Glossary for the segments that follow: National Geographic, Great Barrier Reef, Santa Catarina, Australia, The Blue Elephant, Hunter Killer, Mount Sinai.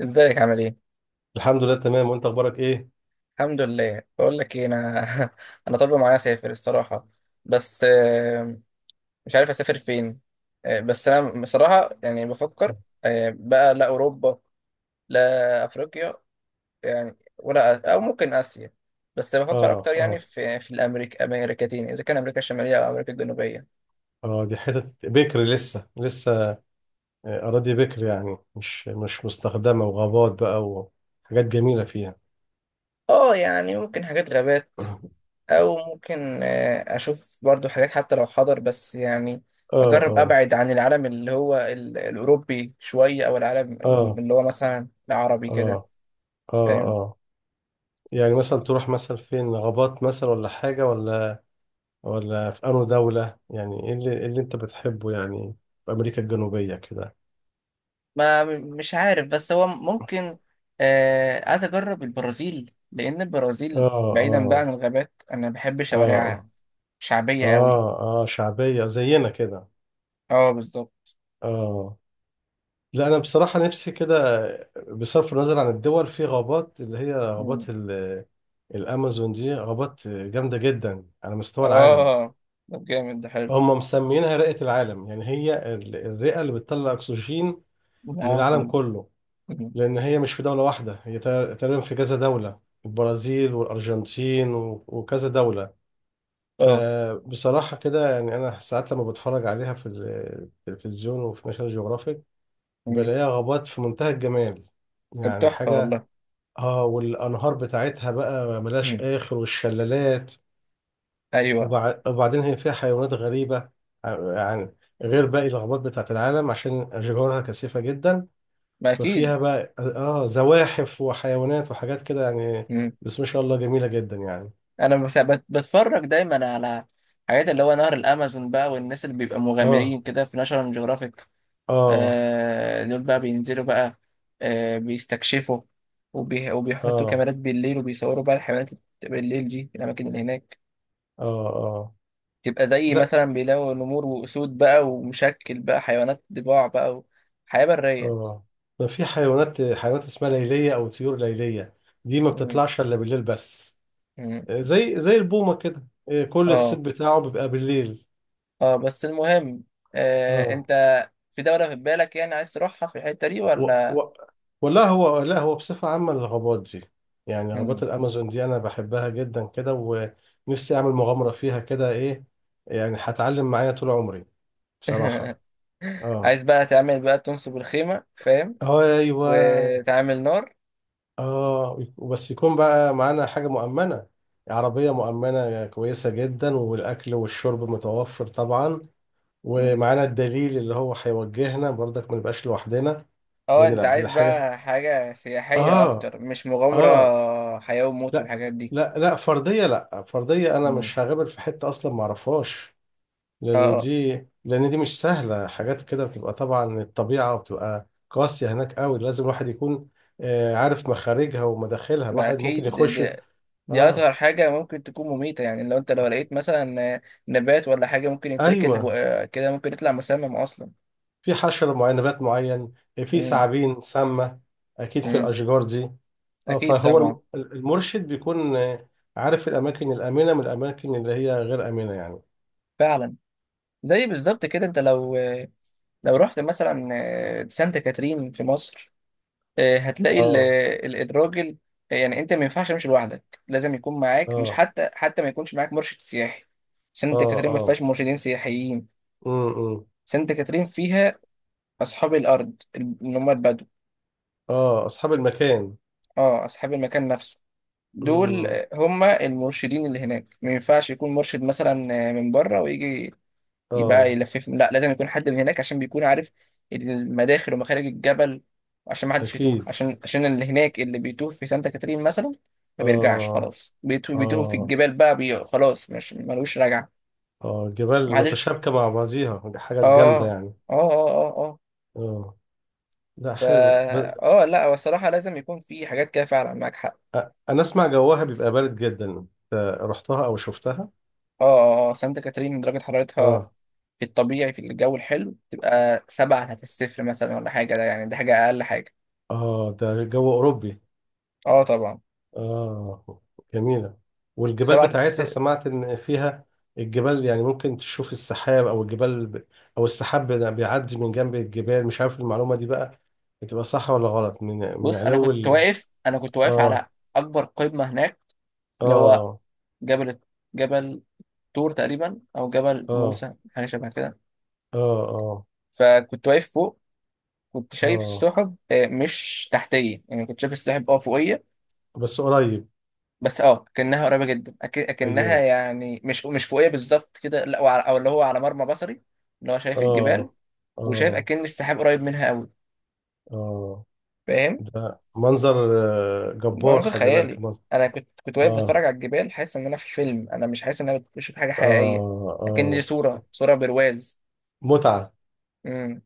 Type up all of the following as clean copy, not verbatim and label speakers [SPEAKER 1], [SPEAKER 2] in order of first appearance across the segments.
[SPEAKER 1] ازيك عامل ايه؟
[SPEAKER 2] الحمد لله، تمام. وانت اخبارك ايه؟
[SPEAKER 1] الحمد لله، بقول لك ايه انا. انا طالب معايا اسافر الصراحه، بس مش عارف اسافر فين. بس انا بصراحه يعني بفكر. بقى لا اوروبا، لا افريقيا، يعني ولا ممكن اسيا. بس بفكر
[SPEAKER 2] اه،
[SPEAKER 1] اكتر يعني
[SPEAKER 2] اه،
[SPEAKER 1] في الامريكا، امريكتين، اذا كان امريكا الشماليه او امريكا الجنوبيه.
[SPEAKER 2] اه. دي حتة بكر لسه. اراضي بكر، يعني مش مستخدمة، وغابات بقى، وحاجات جميلة فيها.
[SPEAKER 1] اه، يعني ممكن حاجات غابات. او ممكن اشوف برضو حاجات حتى لو حضر، بس يعني
[SPEAKER 2] اه،
[SPEAKER 1] اجرب
[SPEAKER 2] اه،
[SPEAKER 1] ابعد عن العالم اللي هو الاوروبي شويه، او العالم
[SPEAKER 2] اه،
[SPEAKER 1] اللي هو مثلا العربي كده،
[SPEAKER 2] اه، اه،
[SPEAKER 1] فاهم.
[SPEAKER 2] اه. يعني مثلا تروح مثلا فين؟ غابات مثلا ولا حاجة؟ ولا في انو دولة، يعني ايه إيه اللي انت بتحبه يعني؟ في امريكا الجنوبية كده؟
[SPEAKER 1] ما مش عارف، بس هو ممكن عايز اجرب البرازيل، لان البرازيل
[SPEAKER 2] اه،
[SPEAKER 1] بعيدا بقى عن
[SPEAKER 2] اه،
[SPEAKER 1] الغابات، انا بحب شوارعها،
[SPEAKER 2] اه، اه،
[SPEAKER 1] شعبيه قوي.
[SPEAKER 2] اه، اه، شعبية زينا كده.
[SPEAKER 1] اه، بالظبط.
[SPEAKER 2] اه. لا انا بصراحه نفسي كده، بصرف النظر عن الدول، في غابات اللي هي
[SPEAKER 1] مم.
[SPEAKER 2] غابات الامازون. دي غابات جامده جدا على مستوى العالم.
[SPEAKER 1] اه، ده جامد، ده حلو.
[SPEAKER 2] هم مسمينها رئه العالم، يعني هي الرئه اللي بتطلع اكسجين
[SPEAKER 1] العالم
[SPEAKER 2] للعالم
[SPEAKER 1] كله.
[SPEAKER 2] كله.
[SPEAKER 1] مم.
[SPEAKER 2] لان هي مش في دوله واحده، هي تقريبا في كذا دوله، البرازيل والارجنتين وكذا دوله.
[SPEAKER 1] اه.
[SPEAKER 2] فبصراحه كده يعني، انا ساعات لما بتفرج عليها في التلفزيون وفي ناشونال جيوغرافيك،
[SPEAKER 1] مم.
[SPEAKER 2] بلاقيها غابات في منتهى الجمال،
[SPEAKER 1] طب
[SPEAKER 2] يعني
[SPEAKER 1] تحفه
[SPEAKER 2] حاجه.
[SPEAKER 1] والله.
[SPEAKER 2] اه. والانهار بتاعتها بقى ملهاش
[SPEAKER 1] مم.
[SPEAKER 2] اخر، والشلالات.
[SPEAKER 1] ايوه.
[SPEAKER 2] وبعدين هي فيها حيوانات غريبه، يعني غير باقي الغابات بتاعت العالم، عشان اشجارها كثيفه جدا.
[SPEAKER 1] ما
[SPEAKER 2] ففيها
[SPEAKER 1] اكيد.
[SPEAKER 2] بقى اه زواحف وحيوانات وحاجات كده يعني.
[SPEAKER 1] مم.
[SPEAKER 2] بس ما شاء الله جميله جدا يعني.
[SPEAKER 1] انا بتفرج دايما على حاجات اللي هو نهر الامازون بقى، والناس اللي بيبقى
[SPEAKER 2] اه،
[SPEAKER 1] مغامرين كده في ناشونال جيوغرافيك.
[SPEAKER 2] اه،
[SPEAKER 1] دول بقى بينزلوا بقى، بيستكشفوا، وبيحطوا
[SPEAKER 2] اه،
[SPEAKER 1] كاميرات بالليل وبيصوروا بقى الحيوانات بالليل دي في الاماكن اللي هناك.
[SPEAKER 2] اه، اه،
[SPEAKER 1] تبقى زي
[SPEAKER 2] لا،
[SPEAKER 1] مثلا بيلاقوا نمور واسود بقى، ومشكل بقى حيوانات ضباع بقى، وحياة برية.
[SPEAKER 2] اه. ده في حيوانات اسمها ليليه، او طيور ليليه، دي ما
[SPEAKER 1] مم.
[SPEAKER 2] بتطلعش الا بالليل بس.
[SPEAKER 1] مم.
[SPEAKER 2] زي البومة كده، كل الصيت
[SPEAKER 1] اه،
[SPEAKER 2] بتاعه بيبقى بالليل.
[SPEAKER 1] اه. بس المهم،
[SPEAKER 2] اه.
[SPEAKER 1] انت في دولة في بالك يعني عايز تروحها في الحتة دي
[SPEAKER 2] و،
[SPEAKER 1] ولا؟
[SPEAKER 2] و، ولا هو لا هو بصفة عامة الغابات دي، يعني غابات
[SPEAKER 1] مم.
[SPEAKER 2] الأمازون دي أنا بحبها جدا كده. ونفسي أعمل مغامرة فيها كده، إيه يعني، هتعلم معايا طول عمري بصراحة. اه.
[SPEAKER 1] عايز بقى تعمل بقى تنصب الخيمة، فاهم،
[SPEAKER 2] أيوه.
[SPEAKER 1] وتعمل نار.
[SPEAKER 2] اه، وبس يكون بقى معانا حاجة مؤمنة، عربية مؤمنة كويسة جدا، والأكل والشرب متوفر طبعا.
[SPEAKER 1] مم.
[SPEAKER 2] ومعانا الدليل اللي هو هيوجهنا برضك، ما نبقاش لوحدنا.
[SPEAKER 1] اه،
[SPEAKER 2] لان
[SPEAKER 1] انت عايز
[SPEAKER 2] الحاجه،
[SPEAKER 1] بقى حاجة سياحية
[SPEAKER 2] اه،
[SPEAKER 1] اكتر، مش مغامرة
[SPEAKER 2] اه،
[SPEAKER 1] حياة وموت
[SPEAKER 2] لا،
[SPEAKER 1] والحاجات دي.
[SPEAKER 2] لا فرديه، انا
[SPEAKER 1] مم.
[SPEAKER 2] مش هغامر في حته اصلا ما اعرفهاش.
[SPEAKER 1] اه،
[SPEAKER 2] لان
[SPEAKER 1] اه.
[SPEAKER 2] دي لان دي مش سهله. حاجات كده بتبقى طبعا الطبيعه، وبتبقى قاسيه هناك قوي، لازم الواحد يكون عارف مخارجها ومداخلها.
[SPEAKER 1] ما
[SPEAKER 2] الواحد ممكن
[SPEAKER 1] اكيد، دي,
[SPEAKER 2] يخش.
[SPEAKER 1] دي, دي
[SPEAKER 2] اه،
[SPEAKER 1] اصغر حاجة ممكن تكون مميتة يعني. لو لقيت مثلا نبات ولا حاجة ممكن يتاكل،
[SPEAKER 2] ايوه،
[SPEAKER 1] كده ممكن يطلع مسمم اصلا.
[SPEAKER 2] في حشره معينه، نبات معين، في
[SPEAKER 1] مم.
[SPEAKER 2] ثعابين سامه اكيد في
[SPEAKER 1] مم.
[SPEAKER 2] الاشجار دي. اه.
[SPEAKER 1] اكيد
[SPEAKER 2] فهو
[SPEAKER 1] طبعا.
[SPEAKER 2] المرشد بيكون عارف الاماكن الامنه من الاماكن اللي هي غير امنه يعني.
[SPEAKER 1] فعلا. زي بالظبط كده، انت لو رحت مثلا سانتا كاترين في مصر، هتلاقي
[SPEAKER 2] اه،
[SPEAKER 1] الراجل يعني انت ما ينفعش تمشي لوحدك، لازم يكون معاك، مش
[SPEAKER 2] اه،
[SPEAKER 1] حتى ما يكونش معاك مرشد سياحي. سانت
[SPEAKER 2] اه،
[SPEAKER 1] كاترين ما
[SPEAKER 2] اه،
[SPEAKER 1] فيهاش مرشدين سياحيين.
[SPEAKER 2] إمم.
[SPEAKER 1] سانت كاترين فيها اصحاب الارض اللي هم البدو.
[SPEAKER 2] اه، اصحاب المكان.
[SPEAKER 1] اه، اصحاب المكان نفسه. دول
[SPEAKER 2] امم.
[SPEAKER 1] هم المرشدين اللي هناك. ما ينفعش يكون مرشد مثلا من بره ويجي يبقى
[SPEAKER 2] اه،
[SPEAKER 1] يلففهم، لا، لازم يكون حد من هناك عشان بيكون عارف المداخل ومخارج الجبل، عشان ما حدش يتوه،
[SPEAKER 2] اكيد.
[SPEAKER 1] عشان اللي هناك اللي بيتوه في سانتا كاترين مثلا ما بيرجعش،
[SPEAKER 2] اه،
[SPEAKER 1] خلاص بيتوه، بيتوه في
[SPEAKER 2] اه،
[SPEAKER 1] الجبال بقى، خلاص مش ملوش رجعة.
[SPEAKER 2] اه،
[SPEAKER 1] ما
[SPEAKER 2] جبال
[SPEAKER 1] حدش.
[SPEAKER 2] متشابكه مع بعضيها، دي حاجات جامده
[SPEAKER 1] اه،
[SPEAKER 2] يعني.
[SPEAKER 1] اه، اه، اه. اه.
[SPEAKER 2] اه، لا
[SPEAKER 1] فا،
[SPEAKER 2] حلو. بس
[SPEAKER 1] اه، لا هو الصراحة لازم يكون في حاجات كده فعلا، معاك حق.
[SPEAKER 2] انا اسمع جواها بيبقى بارد جدا. رحتها او شفتها؟
[SPEAKER 1] اه، اه. سانتا كاترين درجة حرارتها
[SPEAKER 2] اه،
[SPEAKER 1] في الطبيعي في الجو الحلو تبقى سبعة تحت الصفر مثلا، ولا حاجة، ده يعني ده حاجة أقل حاجة.
[SPEAKER 2] اه، ده جو اوروبي.
[SPEAKER 1] اه طبعا.
[SPEAKER 2] آه، جميلة. والجبال
[SPEAKER 1] سبعة.
[SPEAKER 2] بتاعتها سمعت إن فيها الجبال، يعني ممكن تشوف السحاب، أو الجبال ب، أو السحاب بيعدي من جنب الجبال. مش عارف المعلومة دي بقى بتبقى صح ولا غلط؟ من
[SPEAKER 1] بص
[SPEAKER 2] علو ال،
[SPEAKER 1] انا كنت واقف على
[SPEAKER 2] آه،
[SPEAKER 1] اكبر قمه هناك، اللي هو
[SPEAKER 2] آه،
[SPEAKER 1] جبل جبل طور تقريبا، او جبل
[SPEAKER 2] آه،
[SPEAKER 1] موسى، حاجه شبه كده.
[SPEAKER 2] آه، آه،
[SPEAKER 1] فكنت واقف فوق، كنت شايف
[SPEAKER 2] آه،
[SPEAKER 1] السحب مش تحتيه، يعني كنت شايف السحب فوقيه،
[SPEAKER 2] بس قريب.
[SPEAKER 1] بس كأنها قريبه جدا، اكنها
[SPEAKER 2] أيوه،
[SPEAKER 1] يعني مش فوقيه بالظبط كده لا، او اللي هو على مرمى بصري، اللي هو شايف الجبال،
[SPEAKER 2] آه،
[SPEAKER 1] وشايف
[SPEAKER 2] آه،
[SPEAKER 1] اكن السحاب قريب منها قوي،
[SPEAKER 2] آه.
[SPEAKER 1] فاهم.
[SPEAKER 2] ده منظر جبار،
[SPEAKER 1] منظر
[SPEAKER 2] خلي بالك
[SPEAKER 1] خيالي.
[SPEAKER 2] المنظر.
[SPEAKER 1] انا كنت واقف بتفرج
[SPEAKER 2] آه،
[SPEAKER 1] على الجبال، حاسس ان انا في فيلم، انا مش حاسس ان انا بشوف حاجه
[SPEAKER 2] آه،
[SPEAKER 1] حقيقيه، لكن دي
[SPEAKER 2] آه.
[SPEAKER 1] صوره، صوره برواز.
[SPEAKER 2] متعة.
[SPEAKER 1] امم.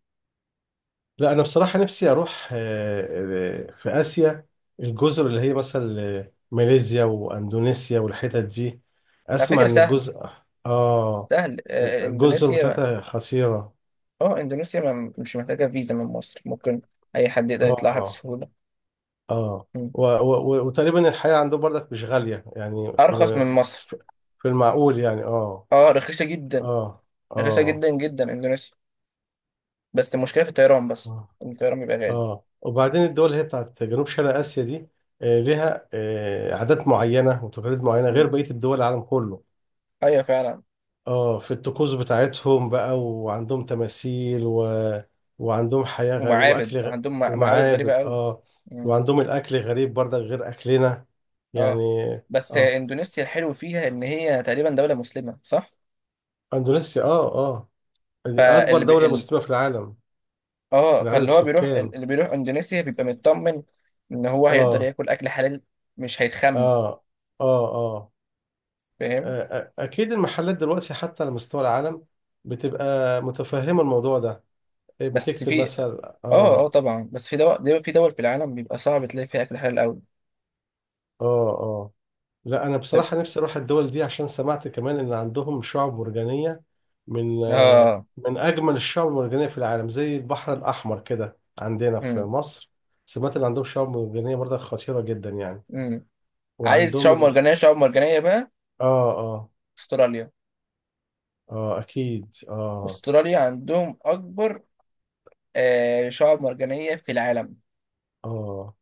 [SPEAKER 2] لا انا بصراحه نفسي اروح، في اسيا، الجزر اللي هي مثلا ماليزيا واندونيسيا والحتت دي.
[SPEAKER 1] على
[SPEAKER 2] اسمع
[SPEAKER 1] فكره
[SPEAKER 2] ان
[SPEAKER 1] سهل،
[SPEAKER 2] الجزء، اه،
[SPEAKER 1] سهل
[SPEAKER 2] الجزر
[SPEAKER 1] اندونيسيا ما.
[SPEAKER 2] بتاعتها خطيره.
[SPEAKER 1] اه، اندونيسيا ما مش محتاجه فيزا من مصر، ممكن اي حد يقدر يطلعها
[SPEAKER 2] اه،
[SPEAKER 1] بسهوله.
[SPEAKER 2] اه.
[SPEAKER 1] مم.
[SPEAKER 2] و، و، وتقريبا الحياه عندهم برضك مش غاليه يعني. في
[SPEAKER 1] ارخص من
[SPEAKER 2] الم،
[SPEAKER 1] مصر.
[SPEAKER 2] في في المعقول يعني. اه.
[SPEAKER 1] اه، رخيصه جدا،
[SPEAKER 2] اه،
[SPEAKER 1] رخيصه
[SPEAKER 2] اه،
[SPEAKER 1] جدا جدا اندونيسيا. بس المشكله في الطيران بس،
[SPEAKER 2] اه،
[SPEAKER 1] إن الطيران بيبقى غالي.
[SPEAKER 2] اه، وبعدين الدول اللي هي بتاعت جنوب شرق اسيا دي ليها عادات معينه وتقاليد معينه غير
[SPEAKER 1] مم.
[SPEAKER 2] بقيه الدول العالم كله.
[SPEAKER 1] ايوه فعلا.
[SPEAKER 2] اه، في الطقوس بتاعتهم بقى، وعندهم تماثيل، و... وعندهم حياة غريبة، واكل
[SPEAKER 1] ومعابد
[SPEAKER 2] غ،
[SPEAKER 1] عندهم، معابد غريبه
[SPEAKER 2] ومعابد.
[SPEAKER 1] قوي.
[SPEAKER 2] اه. وعندهم الاكل غريب برضك غير اكلنا
[SPEAKER 1] اه،
[SPEAKER 2] يعني.
[SPEAKER 1] بس
[SPEAKER 2] اه،
[SPEAKER 1] اندونيسيا الحلو فيها ان هي تقريبا دولة مسلمة، صح.
[SPEAKER 2] اندونيسيا، اه، اه. دي اكبر
[SPEAKER 1] فاللي بي...
[SPEAKER 2] دولة
[SPEAKER 1] ال...
[SPEAKER 2] مسلمة في العالم.
[SPEAKER 1] اه،
[SPEAKER 2] من عدد
[SPEAKER 1] فاللي هو بيروح
[SPEAKER 2] السكان.
[SPEAKER 1] اللي بيروح اندونيسيا بيبقى مطمن ان هو هيقدر
[SPEAKER 2] اه،
[SPEAKER 1] ياكل اكل حلال، مش هيتخم،
[SPEAKER 2] اه، اه، اه،
[SPEAKER 1] فاهم.
[SPEAKER 2] اكيد المحلات دلوقتي حتى على مستوى العالم بتبقى متفهمة الموضوع ده. إيه،
[SPEAKER 1] بس
[SPEAKER 2] بتكتب
[SPEAKER 1] في،
[SPEAKER 2] مثلا.
[SPEAKER 1] اه، اه،
[SPEAKER 2] اه،
[SPEAKER 1] طبعا، بس في دول، في دول في العالم بيبقى صعب تلاقي فيها اكل حلال قوي.
[SPEAKER 2] اه، اه. لا انا
[SPEAKER 1] طب.
[SPEAKER 2] بصراحه نفسي اروح الدول دي، عشان سمعت كمان ان عندهم شعب مرجانيه، من
[SPEAKER 1] اه.
[SPEAKER 2] من اجمل الشعب المرجانيه في العالم، زي البحر الاحمر كده عندنا في
[SPEAKER 1] امم،
[SPEAKER 2] مصر. سمعت ان عندهم شعب مرجانيه برضه خطيره جدا يعني.
[SPEAKER 1] امم. عايز
[SPEAKER 2] وعندهم
[SPEAKER 1] شعاب
[SPEAKER 2] ال،
[SPEAKER 1] مرجانية، شعاب مرجانية بقى
[SPEAKER 2] اه، اه،
[SPEAKER 1] استراليا.
[SPEAKER 2] اه، اكيد، اه،
[SPEAKER 1] استراليا عندهم اكبر شعاب مرجانية في العالم.
[SPEAKER 2] اه.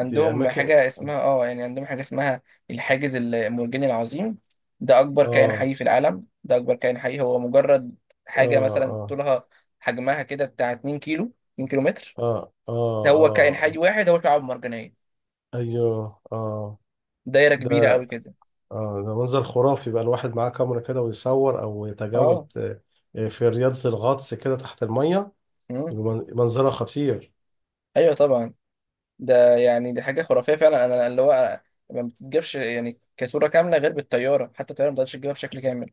[SPEAKER 2] دي اماكن.
[SPEAKER 1] حاجة اسمها، الحاجز المرجاني العظيم، ده أكبر كائن
[SPEAKER 2] اه،
[SPEAKER 1] حي في العالم. ده أكبر كائن حي، هو مجرد حاجة،
[SPEAKER 2] اه،
[SPEAKER 1] مثلا
[SPEAKER 2] اه،
[SPEAKER 1] طولها، حجمها كده بتاع 2 كيلو، 2 كيلو متر.
[SPEAKER 2] اه، اه،
[SPEAKER 1] ده هو كائن حي
[SPEAKER 2] اه،
[SPEAKER 1] واحد، هو شعاب مرجانية،
[SPEAKER 2] ايوه، اه،
[SPEAKER 1] دايرة كبيرة
[SPEAKER 2] ده،
[SPEAKER 1] أوي كده.
[SPEAKER 2] اه، ده منظر خرافي بقى. الواحد معاه كاميرا كده ويصور او يتجول
[SPEAKER 1] اه،
[SPEAKER 2] ت، في رياضة الغطس كده تحت المية،
[SPEAKER 1] مم.
[SPEAKER 2] يبقى منظرها خطير.
[SPEAKER 1] أيوه طبعا. ده يعني دي حاجة خرافية فعلا، أنا اللي هو ما بتتجابش يعني كصورة كاملة غير بالطيارة، حتى الطيارة ما تقدرش تجيبها بشكل كامل.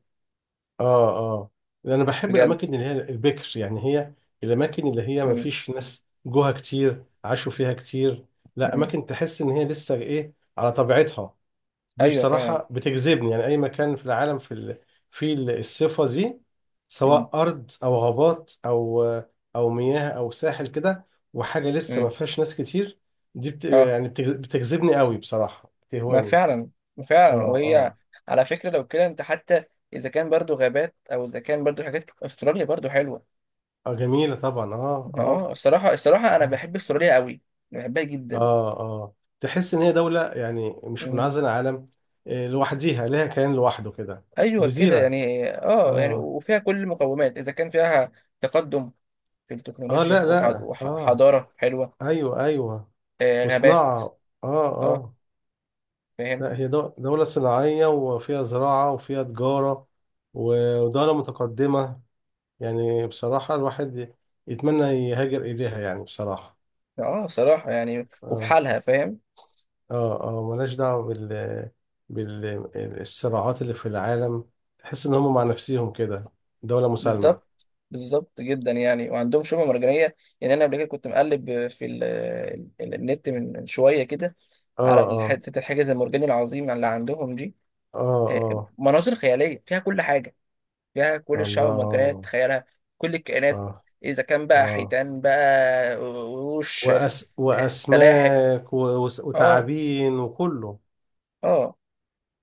[SPEAKER 2] اه، اه. انا بحب
[SPEAKER 1] بجد.
[SPEAKER 2] الاماكن اللي هي البكر. يعني هي الاماكن اللي هي ما
[SPEAKER 1] مم.
[SPEAKER 2] فيش ناس جوها كتير عاشوا فيها كتير. لا،
[SPEAKER 1] مم.
[SPEAKER 2] اماكن تحس ان هي لسه ايه، على طبيعتها. دي
[SPEAKER 1] أيوه فعلا.
[SPEAKER 2] بصراحة بتجذبني، يعني أي مكان في العالم في ال، في الصفة دي،
[SPEAKER 1] مم.
[SPEAKER 2] سواء أرض أو غابات، أو أو مياه أو ساحل كده، وحاجة لسه ما
[SPEAKER 1] مم.
[SPEAKER 2] فيهاش ناس كتير. دي
[SPEAKER 1] اه.
[SPEAKER 2] بتجذبني قوي بصراحة،
[SPEAKER 1] ما
[SPEAKER 2] بتهواني.
[SPEAKER 1] فعلا. ما
[SPEAKER 2] آه،
[SPEAKER 1] فعلا، وهي
[SPEAKER 2] آه،
[SPEAKER 1] على فكرة لو كده انت حتى، اذا كان برضو غابات، او اذا كان برضو حاجات، استراليا برضو حلوة.
[SPEAKER 2] آه، جميلة طبعا، آه، آه،
[SPEAKER 1] اه، الصراحة الصراحة انا
[SPEAKER 2] آه،
[SPEAKER 1] بحب استراليا قوي، بحبها جدا.
[SPEAKER 2] آه، آه. تحس إن هي دولة يعني مش
[SPEAKER 1] مم.
[SPEAKER 2] منعزلة عن العالم، لوحديها، لها كيان لوحده كده.
[SPEAKER 1] ايوه كده
[SPEAKER 2] جزيرة،
[SPEAKER 1] يعني، يعني
[SPEAKER 2] آه،
[SPEAKER 1] وفيها كل المقومات، اذا كان فيها تقدم في
[SPEAKER 2] آه،
[SPEAKER 1] التكنولوجيا،
[SPEAKER 2] لا، لا، آه،
[SPEAKER 1] وحضارة حلوة،
[SPEAKER 2] أيوه، أيوه.
[SPEAKER 1] غابات.
[SPEAKER 2] وصناعة، اه،
[SPEAKER 1] اه.
[SPEAKER 2] اه.
[SPEAKER 1] فاهم.
[SPEAKER 2] لا هي دولة صناعية وفيها زراعة وفيها تجارة، ودولة متقدمة، يعني بصراحة الواحد يتمنى يهاجر إليها يعني بصراحة.
[SPEAKER 1] اه صراحة، يعني وفي
[SPEAKER 2] اه،
[SPEAKER 1] حالها، فاهم.
[SPEAKER 2] اه، اه، ملهاش دعوة بال، بالصراعات اللي في العالم. تحس إن هم مع نفسهم كده، دولة مسالمة.
[SPEAKER 1] بالظبط، بالظبط جدا، يعني وعندهم شعبة مرجانية. يعني أنا قبل كده كنت مقلب في ال النت من شوية كده
[SPEAKER 2] اه،
[SPEAKER 1] على
[SPEAKER 2] اه،
[SPEAKER 1] حتة الحاجز المرجاني العظيم اللي عندهم دي.
[SPEAKER 2] اه، اه،
[SPEAKER 1] مناظر خيالية فيها كل حاجة، فيها كل الشعب المرجانية
[SPEAKER 2] الله،
[SPEAKER 1] تتخيلها، كل الكائنات،
[SPEAKER 2] اه،
[SPEAKER 1] إذا كان بقى
[SPEAKER 2] اه،
[SPEAKER 1] حيتان بقى، قروش،
[SPEAKER 2] وأس،
[SPEAKER 1] سلاحف. اه.
[SPEAKER 2] وتعابين وكله.
[SPEAKER 1] اه.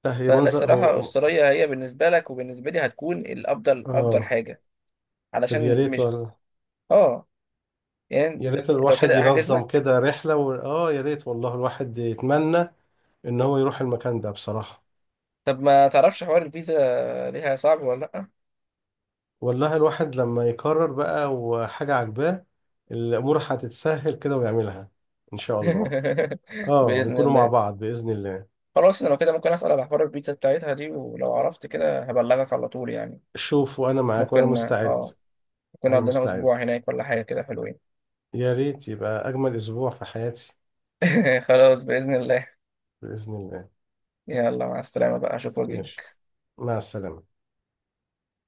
[SPEAKER 2] لا هي
[SPEAKER 1] فلا
[SPEAKER 2] منظر
[SPEAKER 1] الصراحة،
[SPEAKER 2] هو.
[SPEAKER 1] أستراليا هي بالنسبة لك وبالنسبة لي هتكون الأفضل، أفضل
[SPEAKER 2] اه.
[SPEAKER 1] حاجة،
[SPEAKER 2] طب يا
[SPEAKER 1] علشان
[SPEAKER 2] ريت
[SPEAKER 1] مش،
[SPEAKER 2] ولا،
[SPEAKER 1] اه، يعني.
[SPEAKER 2] يا ريت
[SPEAKER 1] لو
[SPEAKER 2] الواحد
[SPEAKER 1] كده أحجز
[SPEAKER 2] ينظم
[SPEAKER 1] لك.
[SPEAKER 2] كده رحلة، و، اه، يا ريت والله. الواحد يتمنى ان هو يروح المكان ده بصراحة.
[SPEAKER 1] طب ما تعرفش حوار الفيزا ليها صعب ولا لأ؟
[SPEAKER 2] والله الواحد لما يقرر بقى وحاجة عجباه، الامور هتتسهل كده ويعملها ان شاء الله. اه،
[SPEAKER 1] بإذن
[SPEAKER 2] نكونوا مع
[SPEAKER 1] الله.
[SPEAKER 2] بعض بإذن الله.
[SPEAKER 1] خلاص، أنا لو كده ممكن أسأل على حوار الفيزا بتاعتها دي، ولو عرفت كده هبلغك على طول يعني.
[SPEAKER 2] شوف، وانا معاك وانا
[SPEAKER 1] ممكن.
[SPEAKER 2] مستعد.
[SPEAKER 1] آه ممكن
[SPEAKER 2] انا
[SPEAKER 1] نقعد لنا
[SPEAKER 2] مستعد.
[SPEAKER 1] أسبوع هناك ولا حاجة كده، حلوين.
[SPEAKER 2] يا ريت يبقى اجمل اسبوع في حياتي.
[SPEAKER 1] خلاص بإذن الله.
[SPEAKER 2] بإذن الله.
[SPEAKER 1] يلا مع السلامة بقى، أشوف وجهي.
[SPEAKER 2] ماشي، مع السلامة.